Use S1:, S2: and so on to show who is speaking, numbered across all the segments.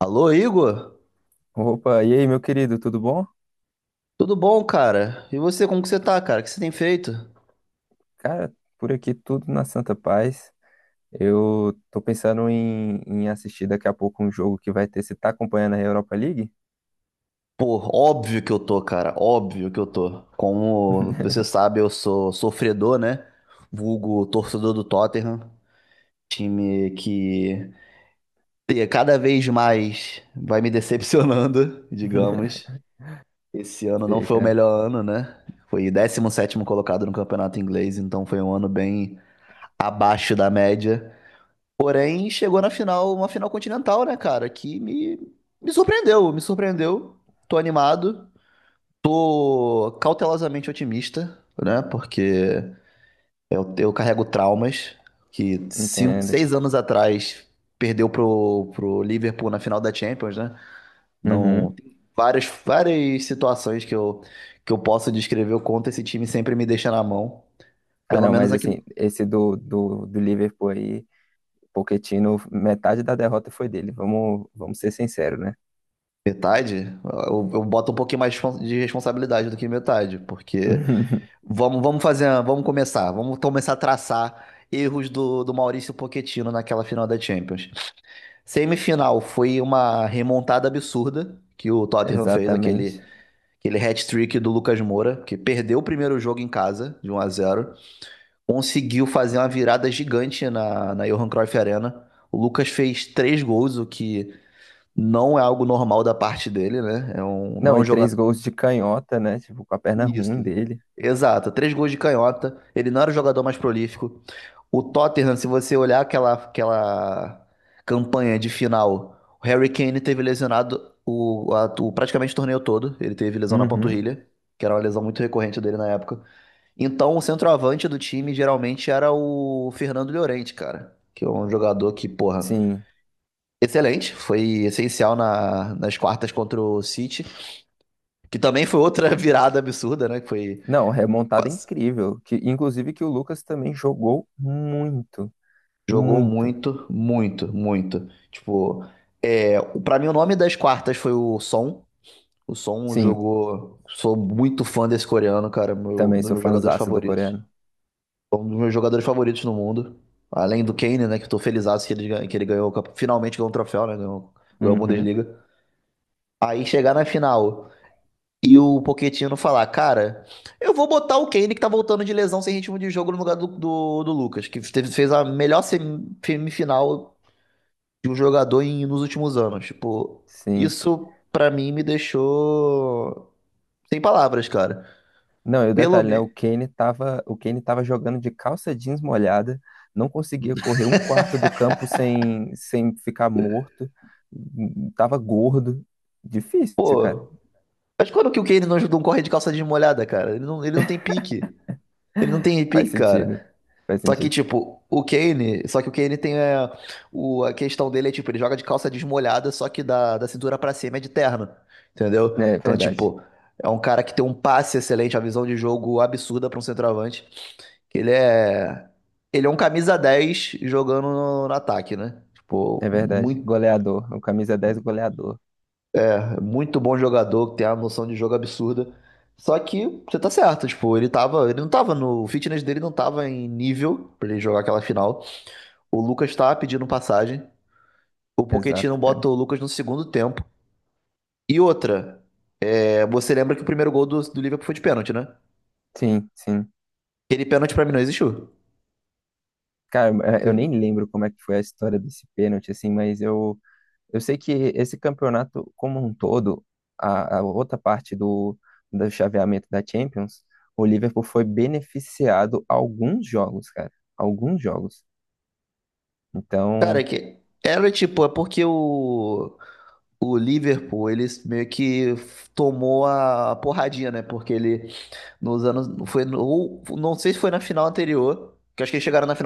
S1: Alô, Igor?
S2: Opa, e aí, meu querido, tudo bom?
S1: Tudo bom, cara? E você, como que você tá, cara? O que você tem feito?
S2: Cara, por aqui tudo na santa paz. Eu tô pensando em assistir daqui a pouco um jogo que vai ter. Você tá acompanhando a Europa League?
S1: Pô, óbvio que eu tô, cara. Óbvio que eu tô. Como você sabe, eu sou sofredor, né? Vulgo torcedor do Tottenham. Time que cada vez mais vai me decepcionando, digamos. Esse ano não
S2: Sei,
S1: foi o
S2: cara,
S1: melhor ano, né? Foi décimo sétimo colocado no campeonato inglês, então foi um ano bem abaixo da média. Porém, chegou na final, uma final continental, né, cara? Me surpreendeu, me surpreendeu. Tô animado, tô cautelosamente otimista, né? Porque eu carrego traumas que cinco,
S2: entendo.
S1: seis anos atrás perdeu pro Liverpool na final da Champions, né? Não,
S2: Uhum.
S1: várias situações que eu posso descrever o quanto esse time sempre me deixa na mão.
S2: Ah,
S1: Pelo
S2: não,
S1: menos
S2: mas
S1: aqui.
S2: assim, esse do Liverpool aí, Pochettino, metade da derrota foi dele. Vamos ser sinceros, né?
S1: Metade? Eu boto um pouquinho mais de responsabilidade do que metade, porque vamos começar a traçar erros do Maurício Pochettino naquela final da Champions. Semifinal foi uma remontada absurda que o Tottenham fez,
S2: Exatamente.
S1: aquele hat-trick do Lucas Moura, que perdeu o primeiro jogo em casa, de 1 a 0, conseguiu fazer uma virada gigante na Johan Cruyff Arena. O Lucas fez três gols, o que não é algo normal da parte dele, né? Não é
S2: Não,
S1: um
S2: e
S1: jogador.
S2: três gols de canhota, né? Tipo, com a perna ruim
S1: Isso.
S2: dele.
S1: Exato. Três gols de canhota. Ele não era o jogador mais prolífico. O Tottenham, se você olhar aquela campanha de final, o Harry Kane teve lesionado praticamente o torneio todo. Ele teve lesão na
S2: Uhum.
S1: panturrilha, que era uma lesão muito recorrente dele na época. Então, o centroavante do time geralmente era o Fernando Llorente, cara. Que é um jogador que, porra,
S2: Sim.
S1: excelente. Foi essencial nas quartas contra o City. Que também foi outra virada absurda, né? Que foi.
S2: Não, remontada incrível. Que, inclusive que o Lucas também jogou muito,
S1: Jogou
S2: muito.
S1: muito, muito, muito. Tipo, é, para mim o nome das quartas foi o Son. O Son
S2: Sim,
S1: jogou. Sou muito fã desse coreano, cara. Meu, um
S2: também
S1: dos
S2: sou
S1: meus jogadores
S2: fãzaço do
S1: favoritos.
S2: coreano.
S1: Um dos meus jogadores favoritos no mundo. Além do Kane, né? Que eu tô felizaço que ele, ganhou. Finalmente ganhou um troféu, né? Ganhou, ganhou a
S2: Uhum,
S1: Bundesliga. Aí chegar na final e o Pochettino falar, cara, eu vou botar o Kane que tá voltando de lesão sem ritmo de jogo no lugar do Lucas, fez a melhor semifinal de um jogador nos últimos anos. Tipo,
S2: sim.
S1: isso pra mim me deixou sem palavras, cara.
S2: Não, e o
S1: Pelo
S2: detalhe, né?
S1: menos.
S2: O Kane tava jogando de calça jeans molhada, não conseguia correr um quarto do campo sem ficar morto, tava gordo. Difícil, cara.
S1: Pô, mas quando que o Kane não ajudou um corre de calça desmolhada, cara? Ele não tem pique. Ele não tem pique,
S2: Faz sentido.
S1: cara.
S2: Faz
S1: Só que,
S2: sentido.
S1: tipo, o Kane. Só que o Kane tem. É, a questão dele é, tipo, ele joga de calça desmolhada, só que da cintura pra cima é de terno. Entendeu?
S2: É
S1: Então,
S2: verdade.
S1: tipo, é um cara que tem um passe excelente, a visão de jogo absurda pra um centroavante. Que ele é. Ele é um camisa 10 jogando no ataque, né? Tipo,
S2: É verdade.
S1: muito,
S2: Goleador. O camisa 10 goleador.
S1: muito bom jogador, que tem uma noção de jogo absurda. Só que você tá certo, tipo, ele tava. Ele não tava no. O fitness dele não tava em nível pra ele jogar aquela final. O Lucas tá pedindo passagem. O Pochettino
S2: Exato,
S1: bota
S2: cara.
S1: o Lucas no segundo tempo. E outra, é, você lembra que o primeiro gol do Liverpool foi de pênalti, né?
S2: Sim, sim.
S1: Aquele pênalti pra mim não existiu.
S2: Cara,
S1: Se-
S2: eu nem lembro como é que foi a história desse pênalti, assim, eu sei que esse campeonato como um todo, a outra parte do chaveamento da Champions, o Liverpool foi beneficiado alguns jogos, cara, alguns jogos.
S1: cara,
S2: Então,
S1: é que era tipo, é porque o. O Liverpool, ele meio que tomou a porradinha, né? Porque ele nos anos. Foi no, não sei se foi na final anterior, que eu acho que eles chegaram na.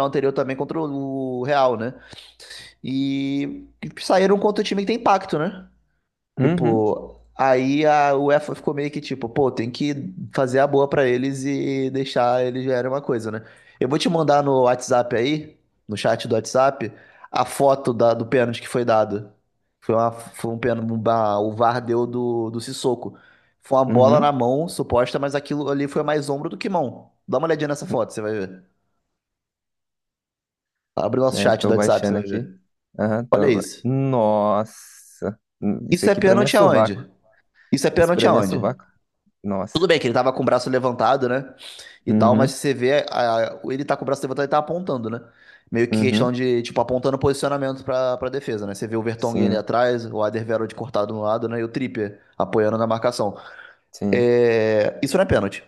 S2: uhum,
S1: Tipo, aí a UEFA ficou meio que tipo, pô, tem que fazer a boa pra eles e deixar eles ganharem uma coisa, né? Eu vou te mandar no WhatsApp aí, no chat do WhatsApp, a foto do pênalti que foi dado. Foi um pênalti, o VAR deu do Sissoko. Foi uma bola na
S2: uhum,
S1: mão, suposta, mas aquilo ali foi mais ombro do que mão. Dá uma olhadinha nessa foto, você vai ver. Abre o nosso
S2: né,
S1: chat do
S2: tô
S1: WhatsApp, você
S2: baixando
S1: vai
S2: aqui.
S1: ver.
S2: Aham,
S1: Olha isso.
S2: Nossa, isso
S1: Isso é
S2: aqui pra mim é
S1: pênalti
S2: sovaco,
S1: aonde? Isso é
S2: isso
S1: pênalti
S2: pra mim é
S1: aonde?
S2: sovaco.
S1: Tudo
S2: Nossa,
S1: bem que ele tava com o braço levantado, né? E tal, mas
S2: uhum,
S1: você vê, ele tá com o braço levantado e tá apontando, né? Meio que
S2: uhum,
S1: questão de, tipo, apontando posicionamento pra defesa, né? Você vê o Vertonghen ali
S2: sim,
S1: atrás, o Alderweireld cortado no lado, né? E o Trippier apoiando na marcação.
S2: sim.
S1: É, isso não é pênalti.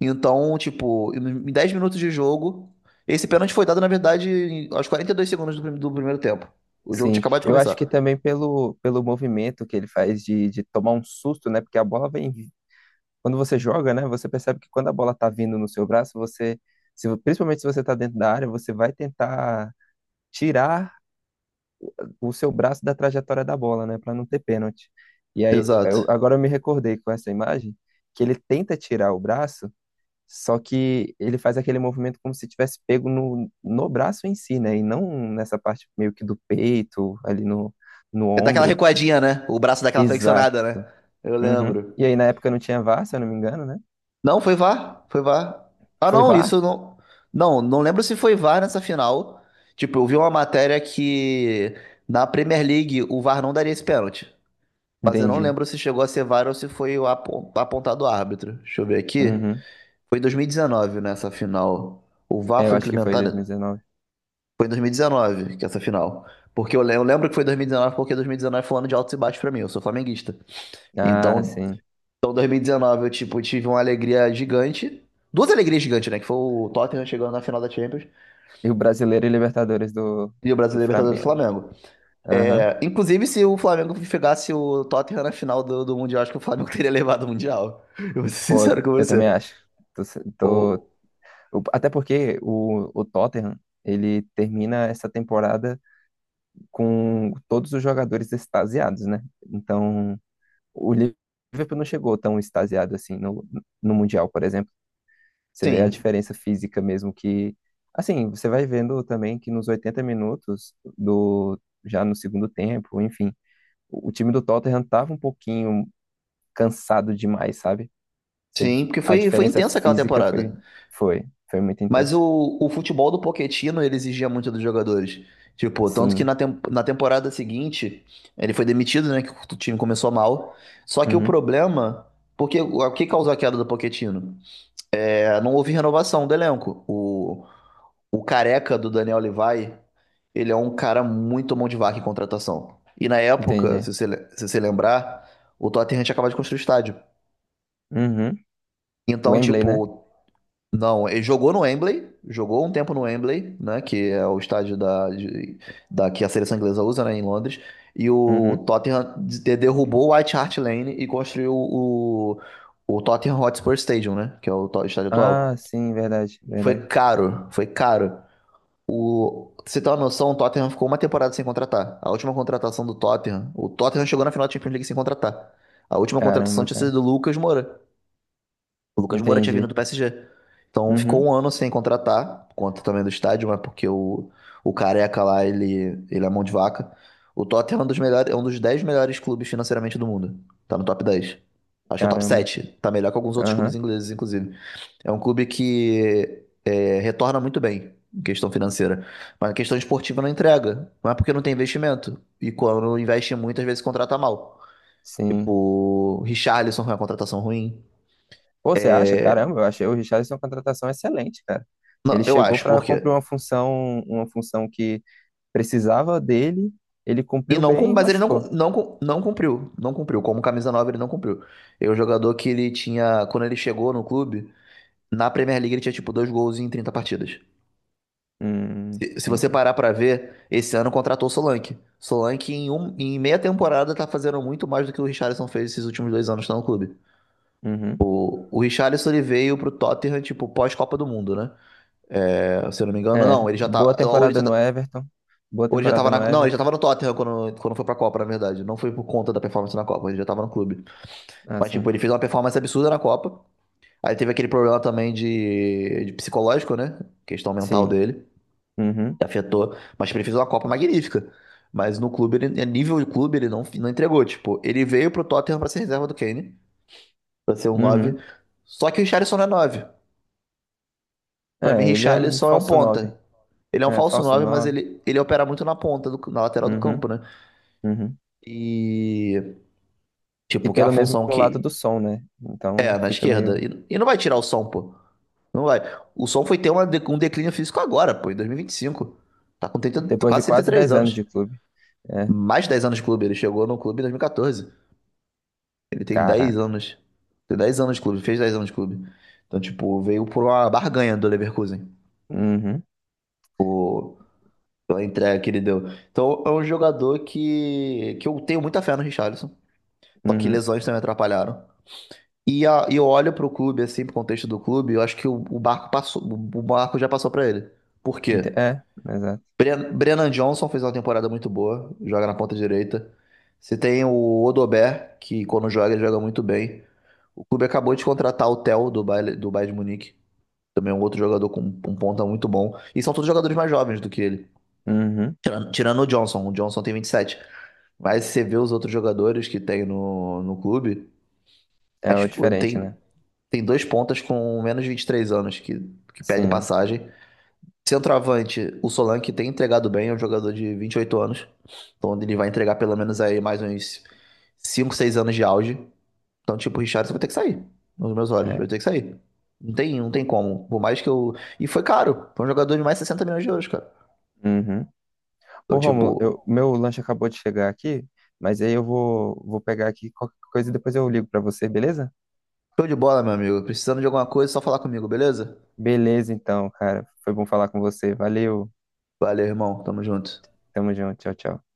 S1: Então, tipo, em 10 minutos de jogo, esse pênalti foi dado, na verdade, aos 42 segundos do primeiro tempo. O jogo tinha
S2: Sim,
S1: acabado de
S2: eu acho
S1: começar.
S2: que também pelo, pelo movimento que ele faz de tomar um susto, né? Porque a bola vem. Quando você joga, né? Você percebe que quando a bola tá vindo no seu braço, você. Se, principalmente se você tá dentro da área, você vai tentar tirar o seu braço da trajetória da bola, né? Pra não ter pênalti. E aí,
S1: Exato.
S2: agora eu me recordei com essa imagem que ele tenta tirar o braço, só que ele faz aquele movimento como se tivesse pego no braço em si, né? E não nessa parte meio que do peito, ali no, no
S1: É daquela
S2: ombro.
S1: recuadinha, né? O braço daquela
S2: Exato.
S1: flexionada, né? Eu
S2: Uhum.
S1: lembro.
S2: E aí na época não tinha VAR, se eu não me engano, né?
S1: Não, foi VAR. Foi VAR. Ah,
S2: Foi
S1: não,
S2: VAR?
S1: isso não. Não, não lembro se foi VAR nessa final. Tipo, eu vi uma matéria que na Premier League o VAR não daria esse pênalti. Mas eu não
S2: Entendi.
S1: lembro se chegou a ser VAR ou se foi o apontado o árbitro. Deixa eu ver aqui.
S2: Uhum.
S1: Foi em 2019 nessa final. O VAR
S2: É, eu
S1: foi
S2: acho que foi
S1: implementado.
S2: 2019.
S1: Foi em 2019 que essa final. Porque eu lembro que foi 2019, porque 2019 foi um ano de altos e baixos pra mim. Eu sou flamenguista.
S2: Ah,
S1: Então,
S2: sim.
S1: então, 2019, eu, tipo, tive uma alegria gigante. Duas alegrias gigantes, né? Que foi o Tottenham chegando na final da Champions
S2: E o Brasileiro e Libertadores do,
S1: e o
S2: do
S1: Brasileiro Libertadores do
S2: Flamengo.
S1: Flamengo.
S2: Aham.
S1: É, inclusive, se o Flamengo pegasse o Tottenham na final do Mundial, acho que o Flamengo teria levado o Mundial. Eu vou ser
S2: Pô,
S1: sincero com
S2: eu também
S1: você.
S2: acho. Tô, tô-
S1: O-
S2: Até porque o Tottenham, ele termina essa temporada com todos os jogadores extasiados, né? Então, o Liverpool não chegou tão extasiado assim no, no Mundial, por exemplo. Você vê a
S1: sim,
S2: diferença física mesmo que. Assim, você vai vendo também que nos 80 minutos do já no segundo tempo, enfim, o time do Tottenham tava um pouquinho cansado demais, sabe? Você,
S1: sim, porque
S2: a
S1: foi, foi
S2: diferença
S1: intensa aquela
S2: física foi
S1: temporada.
S2: foi muito
S1: Mas
S2: intensa.
S1: o futebol do Pochettino, ele exigia muito dos jogadores. Tipo, tanto que
S2: Sim.
S1: na temporada seguinte, ele foi demitido, né? Que o time começou mal. Só que o
S2: Uhum.
S1: problema, porque o que causou a queda do Pochettino? É, não houve renovação do elenco. O careca do Daniel Levy, ele é um cara muito mão de vaca em contratação. E na época,
S2: Entendi.
S1: se você lembrar, o Tottenham tinha acabado de construir o estádio.
S2: Uhum.
S1: Então,
S2: Wembley, né?
S1: tipo, não, ele jogou no Wembley, jogou um tempo no Wembley, né, que é o estádio da que a seleção inglesa usa, né, em Londres. E o
S2: Uhum.
S1: Tottenham derrubou o White Hart Lane e construiu o Tottenham Hotspur Stadium, né, que é o estádio
S2: Ah,
S1: atual.
S2: sim, verdade,
S1: E foi
S2: verdade.
S1: caro, foi caro. O, pra você ter uma noção, o Tottenham ficou uma temporada sem contratar. A última contratação do Tottenham, o Tottenham chegou na final da Champions League sem contratar. A última contratação
S2: Caramba,
S1: tinha sido
S2: cara.
S1: do Lucas Moura. O Lucas Moura tinha vindo
S2: Entendi.
S1: do PSG. Então ficou
S2: Uhum.
S1: um ano sem contratar, por conta também do estádio, mas porque o careca lá, ele é mão de vaca. O Tottenham é um dos melhores, é um dos 10 melhores clubes financeiramente do mundo. Tá no top 10. Acho que é o top
S2: Caramba.
S1: 7, tá melhor que alguns outros clubes
S2: Aham.
S1: ingleses, inclusive. É um clube que é, retorna muito bem em questão financeira. Mas a questão esportiva não entrega. Não é porque não tem investimento. E quando investe muito, às vezes contrata mal. Tipo,
S2: Sim.
S1: o Richarlison foi uma contratação ruim.
S2: Pô, você acha? Caramba, eu achei o Richarlison uma contratação excelente, cara. Ele
S1: Não, eu
S2: chegou
S1: acho,
S2: para
S1: porque.
S2: cumprir uma função que precisava dele, ele
S1: E
S2: cumpriu
S1: não, cum-
S2: bem e
S1: mas ele não,
S2: machucou.
S1: cum- não, cum- não cumpriu. Não cumpriu. Como camisa 9 ele não cumpriu. É um jogador que ele tinha. Quando ele chegou no clube, na Premier League ele tinha tipo dois gols em 30 partidas. Se você
S2: Entendi.
S1: parar pra ver, esse ano contratou o Solanke. Solanke, em meia temporada, tá fazendo muito mais do que o Richarlison fez esses últimos dois anos que tá no clube.
S2: Uhum.
S1: O Richarlison ele veio pro Tottenham, tipo, pós-Copa do Mundo, né? É, se eu não me engano,
S2: É,
S1: não. Ele já
S2: boa
S1: tá. Ou ele
S2: temporada
S1: já
S2: no Everton. Boa temporada
S1: tava na,
S2: no
S1: não, ele já
S2: Everton.
S1: tava no Tottenham quando, quando foi pra Copa, na verdade. Não foi por conta da performance na Copa, ele já tava no clube.
S2: Ah,
S1: Mas, tipo,
S2: sim.
S1: ele fez uma performance absurda na Copa. Aí teve aquele problema também de psicológico, né? Questão mental
S2: Sim.
S1: dele,
S2: Uhum.
S1: que afetou. Mas tipo, ele fez uma Copa magnífica. Mas no clube, ele, a nível de clube, ele não, não entregou. Tipo, ele veio pro Tottenham pra ser reserva do Kane, pra ser um 9.
S2: Uhum.
S1: Só que o Richarlison não é 9. Pra mim,
S2: É, ele é um
S1: Richarlison é um
S2: falso 9.
S1: ponta. Ele é um
S2: É,
S1: falso
S2: falso
S1: 9, mas
S2: 9.
S1: ele opera muito na ponta, na lateral do campo,
S2: Uhum.
S1: né?
S2: Uhum.
S1: E,
S2: E
S1: tipo, que é a
S2: pelo mesmo
S1: função
S2: lado do
S1: que
S2: som, né?
S1: é
S2: Então
S1: na
S2: fica
S1: esquerda.
S2: meio.
S1: E não vai tirar o som, pô. Não vai. O Sol foi ter um declínio físico agora, pô, em 2025. Tá com 30,
S2: Depois de
S1: quase
S2: quase
S1: 33
S2: 10 anos
S1: anos.
S2: de clube. É,
S1: Mais 10 anos de clube. Ele chegou no clube em 2014. Ele tem
S2: caraca.
S1: 10 anos. Tem 10 anos de clube, fez 10 anos de clube. Então, tipo, veio por uma barganha do Leverkusen,
S2: Uhum.
S1: pô, pela entrega que ele deu. Então, é um jogador que eu tenho muita fé no Richarlison. Só que
S2: Uhum.
S1: lesões também atrapalharam. E eu olho pro clube, assim, pro contexto do clube, eu acho que o barco passou, o barco já passou pra ele. Por quê?
S2: É, exato.
S1: Brennan Johnson fez uma temporada muito boa, joga na ponta direita. Você tem o Odobert, que quando joga, ele joga muito bem. O clube acabou de contratar o Theo do Bayer, do Bayern de Munique, também é um outro jogador com um ponta muito bom. E são todos jogadores mais jovens do que ele,
S2: Uhum.
S1: tirando o Johnson. O Johnson tem 27. Mas se você vê os outros jogadores que tem no clube,
S2: É
S1: as-
S2: o diferente,
S1: tem,
S2: né?
S1: tem dois pontas com menos de 23 anos que pede
S2: Sim,
S1: passagem. Centroavante, o Solanke tem entregado bem, é um jogador de 28 anos. Então ele vai entregar pelo menos aí mais uns 5, 6 anos de auge. Então, tipo, o Richarlison vai ter que sair. Nos meus olhos,
S2: é.
S1: vai ter que sair. Não tem, não tem como. Por mais que eu. E foi caro. Foi um jogador de mais 60 milhões de euros, cara.
S2: Uhum.
S1: Então,
S2: Ô, Rômulo, eu,
S1: tipo,
S2: meu lanche acabou de chegar aqui, mas aí eu vou, vou pegar aqui qualquer coisa e depois eu ligo pra você, beleza?
S1: show de bola, meu amigo. Precisando de alguma coisa, é só falar comigo, beleza?
S2: Beleza, então, cara. Foi bom falar com você. Valeu.
S1: Valeu, irmão. Tamo junto.
S2: Tamo junto. Tchau, tchau.